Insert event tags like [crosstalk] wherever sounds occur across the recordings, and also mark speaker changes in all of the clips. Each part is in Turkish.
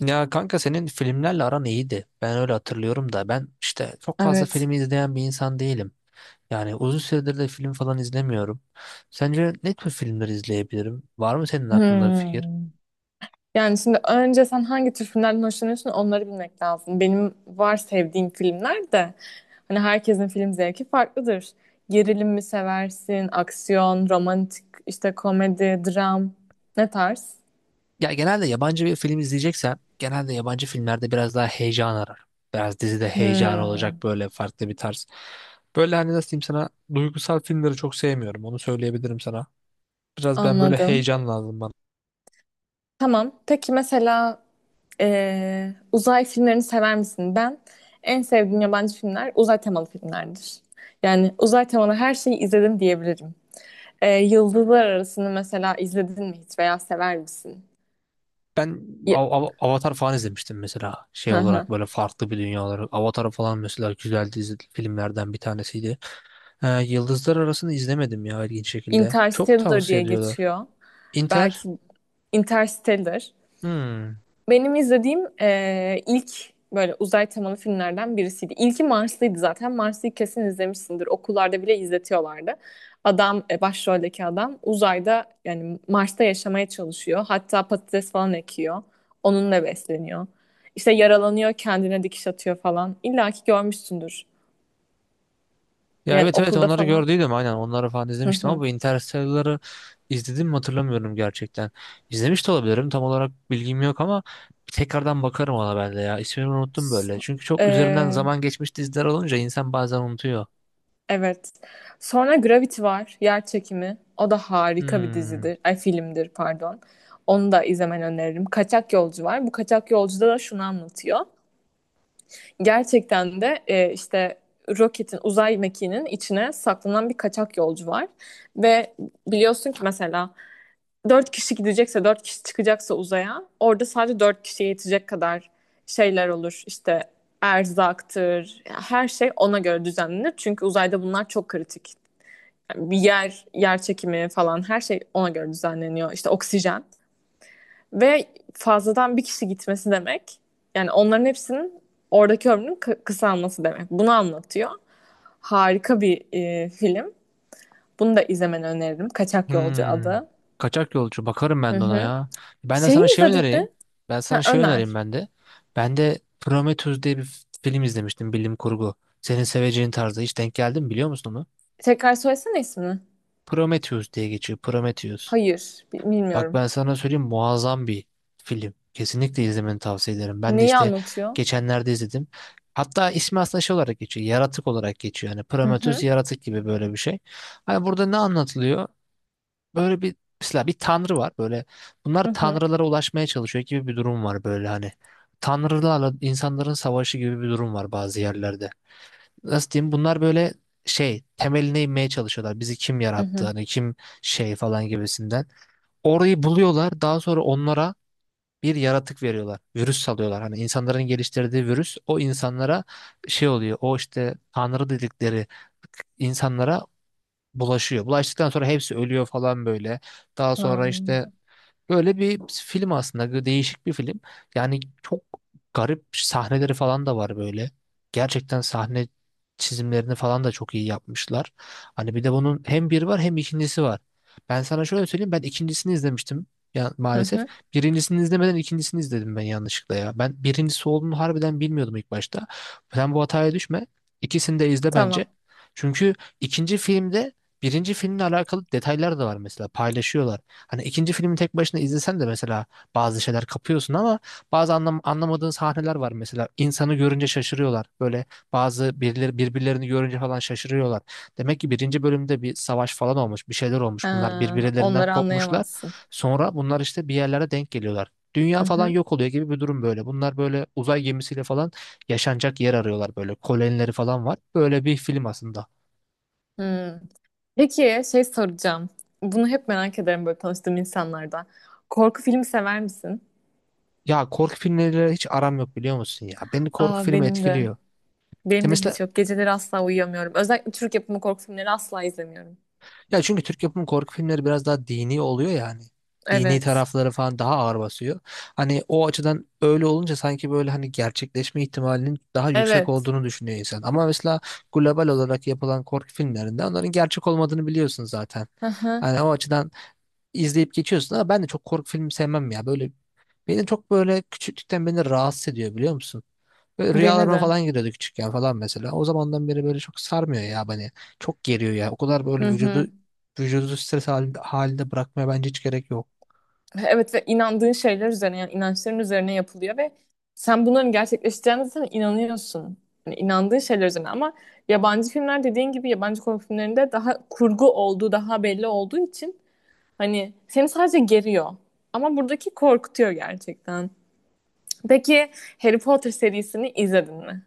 Speaker 1: Ya kanka senin filmlerle aran iyiydi. Ben öyle hatırlıyorum da ben işte çok fazla
Speaker 2: Evet.
Speaker 1: film izleyen bir insan değilim. Yani uzun süredir de film falan izlemiyorum. Sence ne tür filmler izleyebilirim? Var mı senin aklında bir fikir?
Speaker 2: Hmm. Yani şimdi önce sen hangi tür filmlerden hoşlanıyorsun onları bilmek lazım. Benim var sevdiğim filmler de hani herkesin film zevki farklıdır. Gerilim mi seversin, aksiyon, romantik, işte komedi, dram ne tarz?
Speaker 1: Ya genelde yabancı bir film izleyeceksem genelde yabancı filmlerde biraz daha heyecan ararım. Biraz dizide heyecan
Speaker 2: Hmm.
Speaker 1: olacak böyle farklı bir tarz. Böyle hani nasıl diyeyim sana, duygusal filmleri çok sevmiyorum, onu söyleyebilirim sana. Biraz ben böyle
Speaker 2: Anladım.
Speaker 1: heyecan lazım.
Speaker 2: Tamam. Peki mesela uzay filmlerini sever misin? Ben en sevdiğim yabancı filmler uzay temalı filmlerdir. Yani uzay temalı her şeyi izledim diyebilirim. Yıldızlar Arası'nı mesela izledin mi hiç veya sever misin?
Speaker 1: Ben
Speaker 2: Y-
Speaker 1: Avatar falan izlemiştim mesela,
Speaker 2: Hı
Speaker 1: şey
Speaker 2: hı.
Speaker 1: olarak, böyle farklı bir dünya olarak. Avatar falan mesela güzel dizi filmlerden bir tanesiydi. Yıldızlar Arası'nı izlemedim ya, ilginç şekilde. Çok
Speaker 2: Interstellar diye
Speaker 1: tavsiye ediyorlar.
Speaker 2: geçiyor.
Speaker 1: Inter?
Speaker 2: Belki Interstellar.
Speaker 1: Hmm.
Speaker 2: Benim izlediğim ilk böyle uzay temalı filmlerden birisiydi. İlki Marslıydı zaten. Marslı'yı kesin izlemişsindir. Okullarda bile izletiyorlardı. Adam, başroldeki adam uzayda yani Mars'ta yaşamaya çalışıyor. Hatta patates falan ekiyor. Onunla besleniyor. İşte yaralanıyor, kendine dikiş atıyor falan. İlla ki görmüşsündür.
Speaker 1: Ya
Speaker 2: Yani
Speaker 1: evet evet,
Speaker 2: okulda
Speaker 1: onları
Speaker 2: falan.
Speaker 1: gördüydüm, aynen onları falan izlemiştim, ama bu Interstellar'ı izledim mi hatırlamıyorum gerçekten. İzlemiş de olabilirim, tam olarak bilgim yok, ama bir tekrardan bakarım ona ben de ya. İsmini unuttum böyle.
Speaker 2: So-
Speaker 1: Çünkü çok üzerinden
Speaker 2: Ee,
Speaker 1: zaman geçmiş, diziler olunca insan bazen unutuyor.
Speaker 2: evet. Sonra Gravity var. Yer çekimi. O da harika bir
Speaker 1: Hmm.
Speaker 2: dizidir. Ay, filmdir pardon. Onu da izlemeni öneririm. Kaçak Yolcu var. Bu Kaçak Yolcu'da da şunu anlatıyor. Gerçekten de işte roketin, uzay mekiğinin içine saklanan bir kaçak yolcu var. Ve biliyorsun ki mesela dört kişi gidecekse, dört kişi çıkacaksa uzaya orada sadece dört kişiye yetecek kadar şeyler olur. İşte erzaktır, her şey ona göre düzenlenir. Çünkü uzayda bunlar çok kritik. Yani bir yer, yer çekimi falan her şey ona göre düzenleniyor. İşte oksijen ve fazladan bir kişi gitmesi demek yani onların hepsinin oradaki ömrünün kısalması demek. Bunu anlatıyor. Harika bir film. Bunu da izlemeni öneririm. Kaçak Yolcu
Speaker 1: Hmm.
Speaker 2: adı.
Speaker 1: Kaçak yolcu. Bakarım
Speaker 2: Hı
Speaker 1: ben de ona
Speaker 2: hı.
Speaker 1: ya. Ben de
Speaker 2: Şeyi
Speaker 1: sana şey
Speaker 2: izledin mi?
Speaker 1: önereyim. Ben
Speaker 2: Ha,
Speaker 1: sana şey önereyim
Speaker 2: öner.
Speaker 1: ben de. Ben de Prometheus diye bir film izlemiştim. Bilim kurgu. Senin seveceğin tarzda. Hiç denk geldin mi, biliyor musun onu?
Speaker 2: Tekrar söylesene ismini.
Speaker 1: Prometheus diye geçiyor. Prometheus.
Speaker 2: Hayır,
Speaker 1: Bak
Speaker 2: bilmiyorum.
Speaker 1: ben sana söyleyeyim, muazzam bir film. Kesinlikle izlemeni tavsiye ederim. Ben de
Speaker 2: Neyi
Speaker 1: işte
Speaker 2: anlatıyor?
Speaker 1: geçenlerde izledim. Hatta ismi aslında şey olarak geçiyor. Yaratık olarak geçiyor. Yani
Speaker 2: Hı
Speaker 1: Prometheus
Speaker 2: hı,
Speaker 1: yaratık gibi böyle bir şey. Hani burada ne anlatılıyor? Böyle bir, mesela bir tanrı var böyle, bunlar
Speaker 2: hı hı,
Speaker 1: tanrılara ulaşmaya çalışıyor gibi bir durum var böyle hani. Tanrılarla insanların savaşı gibi bir durum var bazı yerlerde. Nasıl diyeyim, bunlar böyle şey temeline inmeye çalışıyorlar. Bizi kim
Speaker 2: hı
Speaker 1: yarattı
Speaker 2: hı.
Speaker 1: hani, kim şey falan gibisinden. Orayı buluyorlar, daha sonra onlara bir yaratık veriyorlar. Virüs salıyorlar. Hani insanların geliştirdiği virüs o insanlara şey oluyor. O işte tanrı dedikleri insanlara bulaşıyor. Bulaştıktan sonra hepsi ölüyor falan böyle. Daha sonra
Speaker 2: Aa.
Speaker 1: işte, böyle bir film aslında, değişik bir film. Yani çok garip sahneleri falan da var böyle. Gerçekten sahne çizimlerini falan da çok iyi yapmışlar. Hani bir de bunun hem bir var, hem ikincisi var. Ben sana şöyle söyleyeyim, ben ikincisini izlemiştim ya,
Speaker 2: Hı
Speaker 1: maalesef.
Speaker 2: hı,
Speaker 1: Birincisini izlemeden ikincisini izledim ben, yanlışlıkla ya. Ben birincisi olduğunu harbiden bilmiyordum ilk başta. Sen bu hataya düşme. İkisini de izle bence.
Speaker 2: tamam.
Speaker 1: Çünkü ikinci filmde birinci filmle alakalı detaylar da var mesela, paylaşıyorlar. Hani ikinci filmi tek başına izlesen de mesela bazı şeyler kapıyorsun, ama bazı anlam anlamadığın sahneler var mesela. İnsanı görünce şaşırıyorlar. Böyle bazı birileri birbirlerini görünce falan şaşırıyorlar. Demek ki birinci bölümde bir savaş falan olmuş, bir şeyler
Speaker 2: Ee,
Speaker 1: olmuş. Bunlar birbirlerinden
Speaker 2: onları
Speaker 1: kopmuşlar.
Speaker 2: anlayamazsın.
Speaker 1: Sonra bunlar işte bir yerlere denk geliyorlar.
Speaker 2: Hı
Speaker 1: Dünya falan
Speaker 2: hı,
Speaker 1: yok oluyor gibi bir durum böyle. Bunlar böyle uzay gemisiyle falan yaşanacak yer arıyorlar böyle. Kolonileri falan var. Böyle bir film aslında.
Speaker 2: hı. Peki, şey soracağım. Bunu hep merak ederim böyle tanıştığım insanlarda. Korku filmi sever misin?
Speaker 1: Ya korku filmleriyle hiç aram yok, biliyor musun ya? Beni korku
Speaker 2: Aa,
Speaker 1: filmi
Speaker 2: benim de.
Speaker 1: etkiliyor.
Speaker 2: Benim
Speaker 1: Ya
Speaker 2: de hiç
Speaker 1: mesela,
Speaker 2: yok. Geceleri asla uyuyamıyorum. Özellikle Türk yapımı korku filmleri asla izlemiyorum.
Speaker 1: ya çünkü Türk yapımı korku filmleri biraz daha dini oluyor yani. Dini
Speaker 2: Evet.
Speaker 1: tarafları falan daha ağır basıyor. Hani o açıdan öyle olunca sanki böyle hani gerçekleşme ihtimalinin daha yüksek
Speaker 2: Evet.
Speaker 1: olduğunu düşünüyor insan. Ama mesela global olarak yapılan korku filmlerinde onların gerçek olmadığını biliyorsun zaten.
Speaker 2: Hı hı.
Speaker 1: Hani o açıdan izleyip geçiyorsun, ama ben de çok korku filmi sevmem ya. Böyle beni rahatsız ediyor, biliyor musun? Böyle
Speaker 2: Beni
Speaker 1: rüyalarıma
Speaker 2: de.
Speaker 1: falan giriyordu küçükken falan mesela. O zamandan beri böyle çok sarmıyor ya beni. Çok geriyor ya. O kadar
Speaker 2: Hı
Speaker 1: böyle vücudu
Speaker 2: hı.
Speaker 1: vücudu stres halinde, halinde bırakmaya bence hiç gerek yok.
Speaker 2: Evet, ve inandığın şeyler üzerine, yani inançların üzerine yapılıyor ve sen bunların gerçekleşeceğine zaten inanıyorsun. Yani inandığın şeyler üzerine. Ama yabancı filmler dediğin gibi yabancı korku filmlerinde daha kurgu olduğu, daha belli olduğu için hani seni sadece geriyor. Ama buradaki korkutuyor gerçekten. Peki, Harry Potter serisini izledin mi?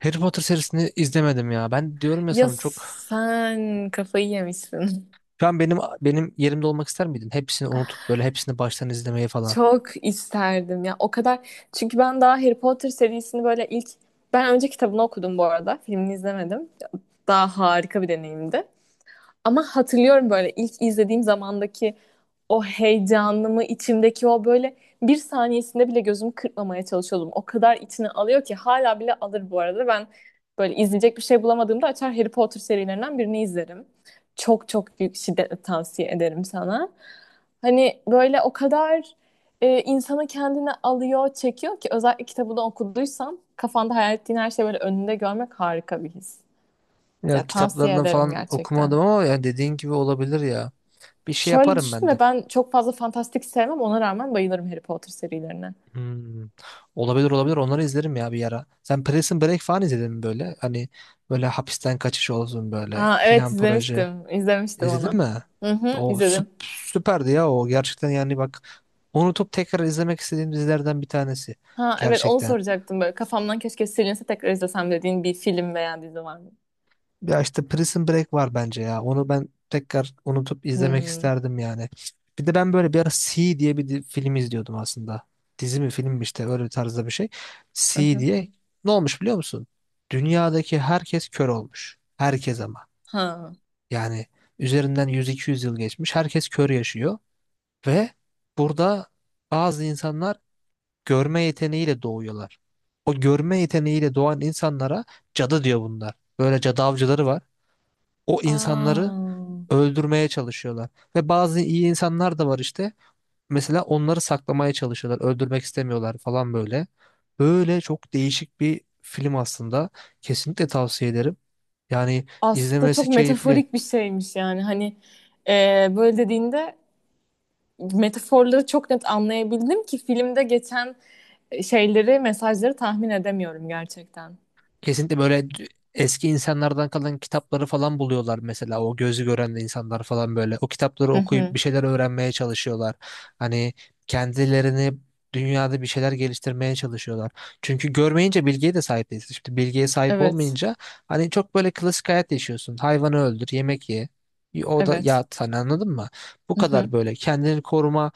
Speaker 1: Harry Potter serisini izlemedim ya. Ben diyorum ya
Speaker 2: Ya
Speaker 1: sana, çok.
Speaker 2: sen kafayı yemişsin.
Speaker 1: Şu an benim yerimde olmak ister miydin? Hepsini unutup böyle hepsini baştan izlemeyi falan.
Speaker 2: Çok isterdim ya. O kadar, çünkü ben daha Harry Potter serisini böyle ilk, ben önce kitabını okudum bu arada. Filmini izlemedim. Daha harika bir deneyimdi. Ama hatırlıyorum böyle ilk izlediğim zamandaki o heyecanımı, içimdeki o böyle, bir saniyesinde bile gözümü kırpmamaya çalışıyordum. O kadar içine alıyor ki hala bile alır bu arada. Ben böyle izleyecek bir şey bulamadığımda açar Harry Potter serilerinden birini izlerim. Çok çok büyük şiddetle tavsiye ederim sana. Hani böyle o kadar insanı kendine alıyor, çekiyor ki özellikle kitabını okuduysan kafanda hayal ettiğin her şeyi böyle önünde görmek harika bir his. Ya
Speaker 1: Ya
Speaker 2: tavsiye
Speaker 1: kitaplarını
Speaker 2: ederim
Speaker 1: falan
Speaker 2: gerçekten.
Speaker 1: okumadım, ama ya dediğin gibi olabilir ya. Bir şey
Speaker 2: Şöyle
Speaker 1: yaparım ben
Speaker 2: düşünme,
Speaker 1: de.
Speaker 2: ben çok fazla fantastik sevmem, ona rağmen bayılırım Harry Potter serilerine.
Speaker 1: Hmm. Olabilir olabilir, onları izlerim ya bir ara. Sen Prison Break falan izledin mi böyle? Hani böyle hapisten kaçış olsun, böyle
Speaker 2: Aa, evet
Speaker 1: plan proje.
Speaker 2: izlemiştim. İzlemiştim
Speaker 1: İzledin
Speaker 2: onu.
Speaker 1: mi?
Speaker 2: Hı hı,
Speaker 1: O
Speaker 2: izledim.
Speaker 1: süperdi ya o, gerçekten yani bak, unutup tekrar izlemek istediğim dizilerden bir tanesi.
Speaker 2: Ha, evet onu
Speaker 1: Gerçekten.
Speaker 2: soracaktım, böyle kafamdan keşke silinse tekrar izlesem dediğin bir film veya dizi var mı?
Speaker 1: Ya işte Prison Break var bence ya. Onu ben tekrar unutup izlemek
Speaker 2: Hmm.
Speaker 1: isterdim yani. Bir de ben böyle bir ara C diye bir film izliyordum aslında. Dizi mi film mi işte, öyle bir tarzda bir şey.
Speaker 2: Hı
Speaker 1: C
Speaker 2: hı.
Speaker 1: diye. Ne olmuş, biliyor musun? Dünyadaki herkes kör olmuş. Herkes ama.
Speaker 2: Ha.
Speaker 1: Yani üzerinden 100-200 yıl geçmiş. Herkes kör yaşıyor. Ve burada bazı insanlar görme yeteneğiyle doğuyorlar. O görme yeteneğiyle doğan insanlara cadı diyor bunlar. Böyle cadı avcıları var. O insanları
Speaker 2: Aa.
Speaker 1: öldürmeye çalışıyorlar. Ve bazı iyi insanlar da var işte. Mesela onları saklamaya çalışıyorlar. Öldürmek istemiyorlar falan böyle. Böyle çok değişik bir film aslında. Kesinlikle tavsiye ederim. Yani
Speaker 2: Aslında çok
Speaker 1: izlemesi keyifli.
Speaker 2: metaforik bir şeymiş, yani hani böyle dediğinde metaforları çok net anlayabildim ki filmde geçen şeyleri, mesajları tahmin edemiyorum gerçekten.
Speaker 1: Kesinlikle böyle eski insanlardan kalan kitapları falan buluyorlar mesela, o gözü gören de insanlar falan böyle o kitapları
Speaker 2: Hı
Speaker 1: okuyup
Speaker 2: hı.
Speaker 1: bir şeyler öğrenmeye çalışıyorlar. Hani kendilerini dünyada bir şeyler geliştirmeye çalışıyorlar. Çünkü görmeyince bilgiye de sahip değilsin. Şimdi bilgiye sahip
Speaker 2: Evet,
Speaker 1: olmayınca hani çok böyle klasik hayat yaşıyorsun. Hayvanı öldür, yemek ye. O da
Speaker 2: evet.
Speaker 1: ya, sen anladın mı? Bu
Speaker 2: Hı hı.
Speaker 1: kadar böyle kendini koruma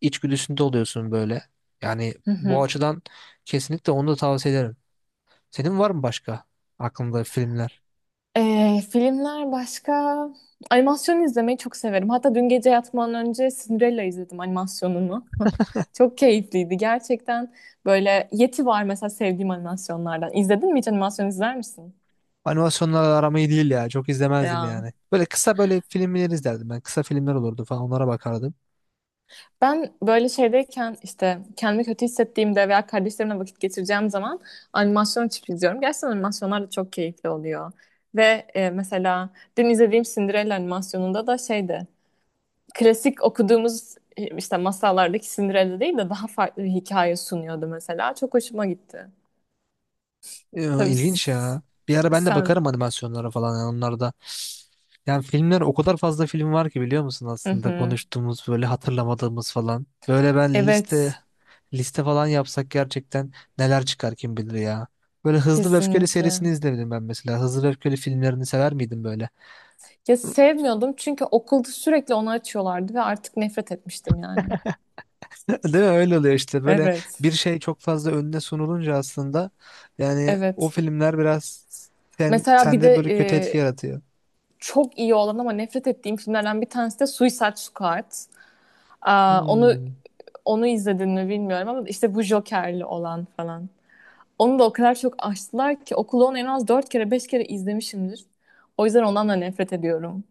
Speaker 1: içgüdüsünde oluyorsun böyle. Yani
Speaker 2: Hı
Speaker 1: bu
Speaker 2: hı.
Speaker 1: açıdan kesinlikle onu da tavsiye ederim. Senin var mı başka aklında filmler?
Speaker 2: Filmler başka, animasyon izlemeyi çok severim. Hatta dün gece yatmadan önce Cinderella izledim animasyonunu. [laughs] Çok keyifliydi gerçekten. Böyle Yeti var mesela sevdiğim animasyonlardan. İzledin mi hiç, animasyon izler misin?
Speaker 1: Animasyonlarla aram iyi değil ya. Çok izlemezdim
Speaker 2: Ya.
Speaker 1: yani. Böyle kısa böyle filmler izlerdim ben. Kısa filmler olurdu falan, onlara bakardım.
Speaker 2: Ben böyle şeydeyken, işte kendimi kötü hissettiğimde veya kardeşlerimle vakit geçireceğim zaman animasyon açıp izliyorum. Gerçekten animasyonlar da çok keyifli oluyor. Ve mesela dün izlediğim Cinderella animasyonunda da şeydi. Klasik okuduğumuz işte masallardaki Cinderella değil de daha farklı bir hikaye sunuyordu mesela. Çok hoşuma gitti. Tabii
Speaker 1: İlginç ya. Bir ara ben de
Speaker 2: sen...
Speaker 1: bakarım animasyonlara falan, yani onlar da. Yani filmler, o kadar fazla film var ki biliyor musun
Speaker 2: Hı
Speaker 1: aslında
Speaker 2: hı.
Speaker 1: konuştuğumuz böyle hatırlamadığımız falan. Böyle ben liste
Speaker 2: Evet,
Speaker 1: liste falan yapsak gerçekten neler çıkar kim bilir ya. Böyle Hızlı ve Öfkeli
Speaker 2: kesinlikle.
Speaker 1: serisini izledim ben mesela. Hızlı ve Öfkeli filmlerini sever miydim böyle?
Speaker 2: Ya sevmiyordum, çünkü okulda sürekli onu açıyorlardı ve artık nefret etmiştim yani.
Speaker 1: [laughs] Değil mi? Öyle oluyor işte. Böyle
Speaker 2: Evet.
Speaker 1: bir şey çok fazla önüne sunulunca aslında, yani o
Speaker 2: Evet.
Speaker 1: filmler biraz
Speaker 2: Mesela bir
Speaker 1: sende
Speaker 2: de
Speaker 1: böyle kötü etki yaratıyor.
Speaker 2: çok iyi olan ama nefret ettiğim filmlerden bir tanesi de Suicide Squad. Aa, onu
Speaker 1: Hmm. [laughs]
Speaker 2: onu izledin mi bilmiyorum, ama işte bu Joker'li olan falan. Onu da o kadar çok açtılar ki okulu, onu en az 4 kere 5 kere izlemişimdir. O yüzden ondan da nefret ediyorum.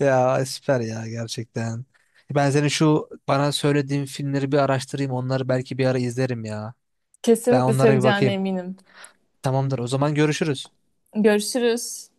Speaker 1: Ya süper ya, gerçekten. Ben senin şu bana söylediğin filmleri bir araştırayım. Onları belki bir ara izlerim ya. Ben
Speaker 2: Kesinlikle
Speaker 1: onlara bir
Speaker 2: seveceğine
Speaker 1: bakayım.
Speaker 2: eminim.
Speaker 1: Tamamdır. O zaman görüşürüz.
Speaker 2: Görüşürüz.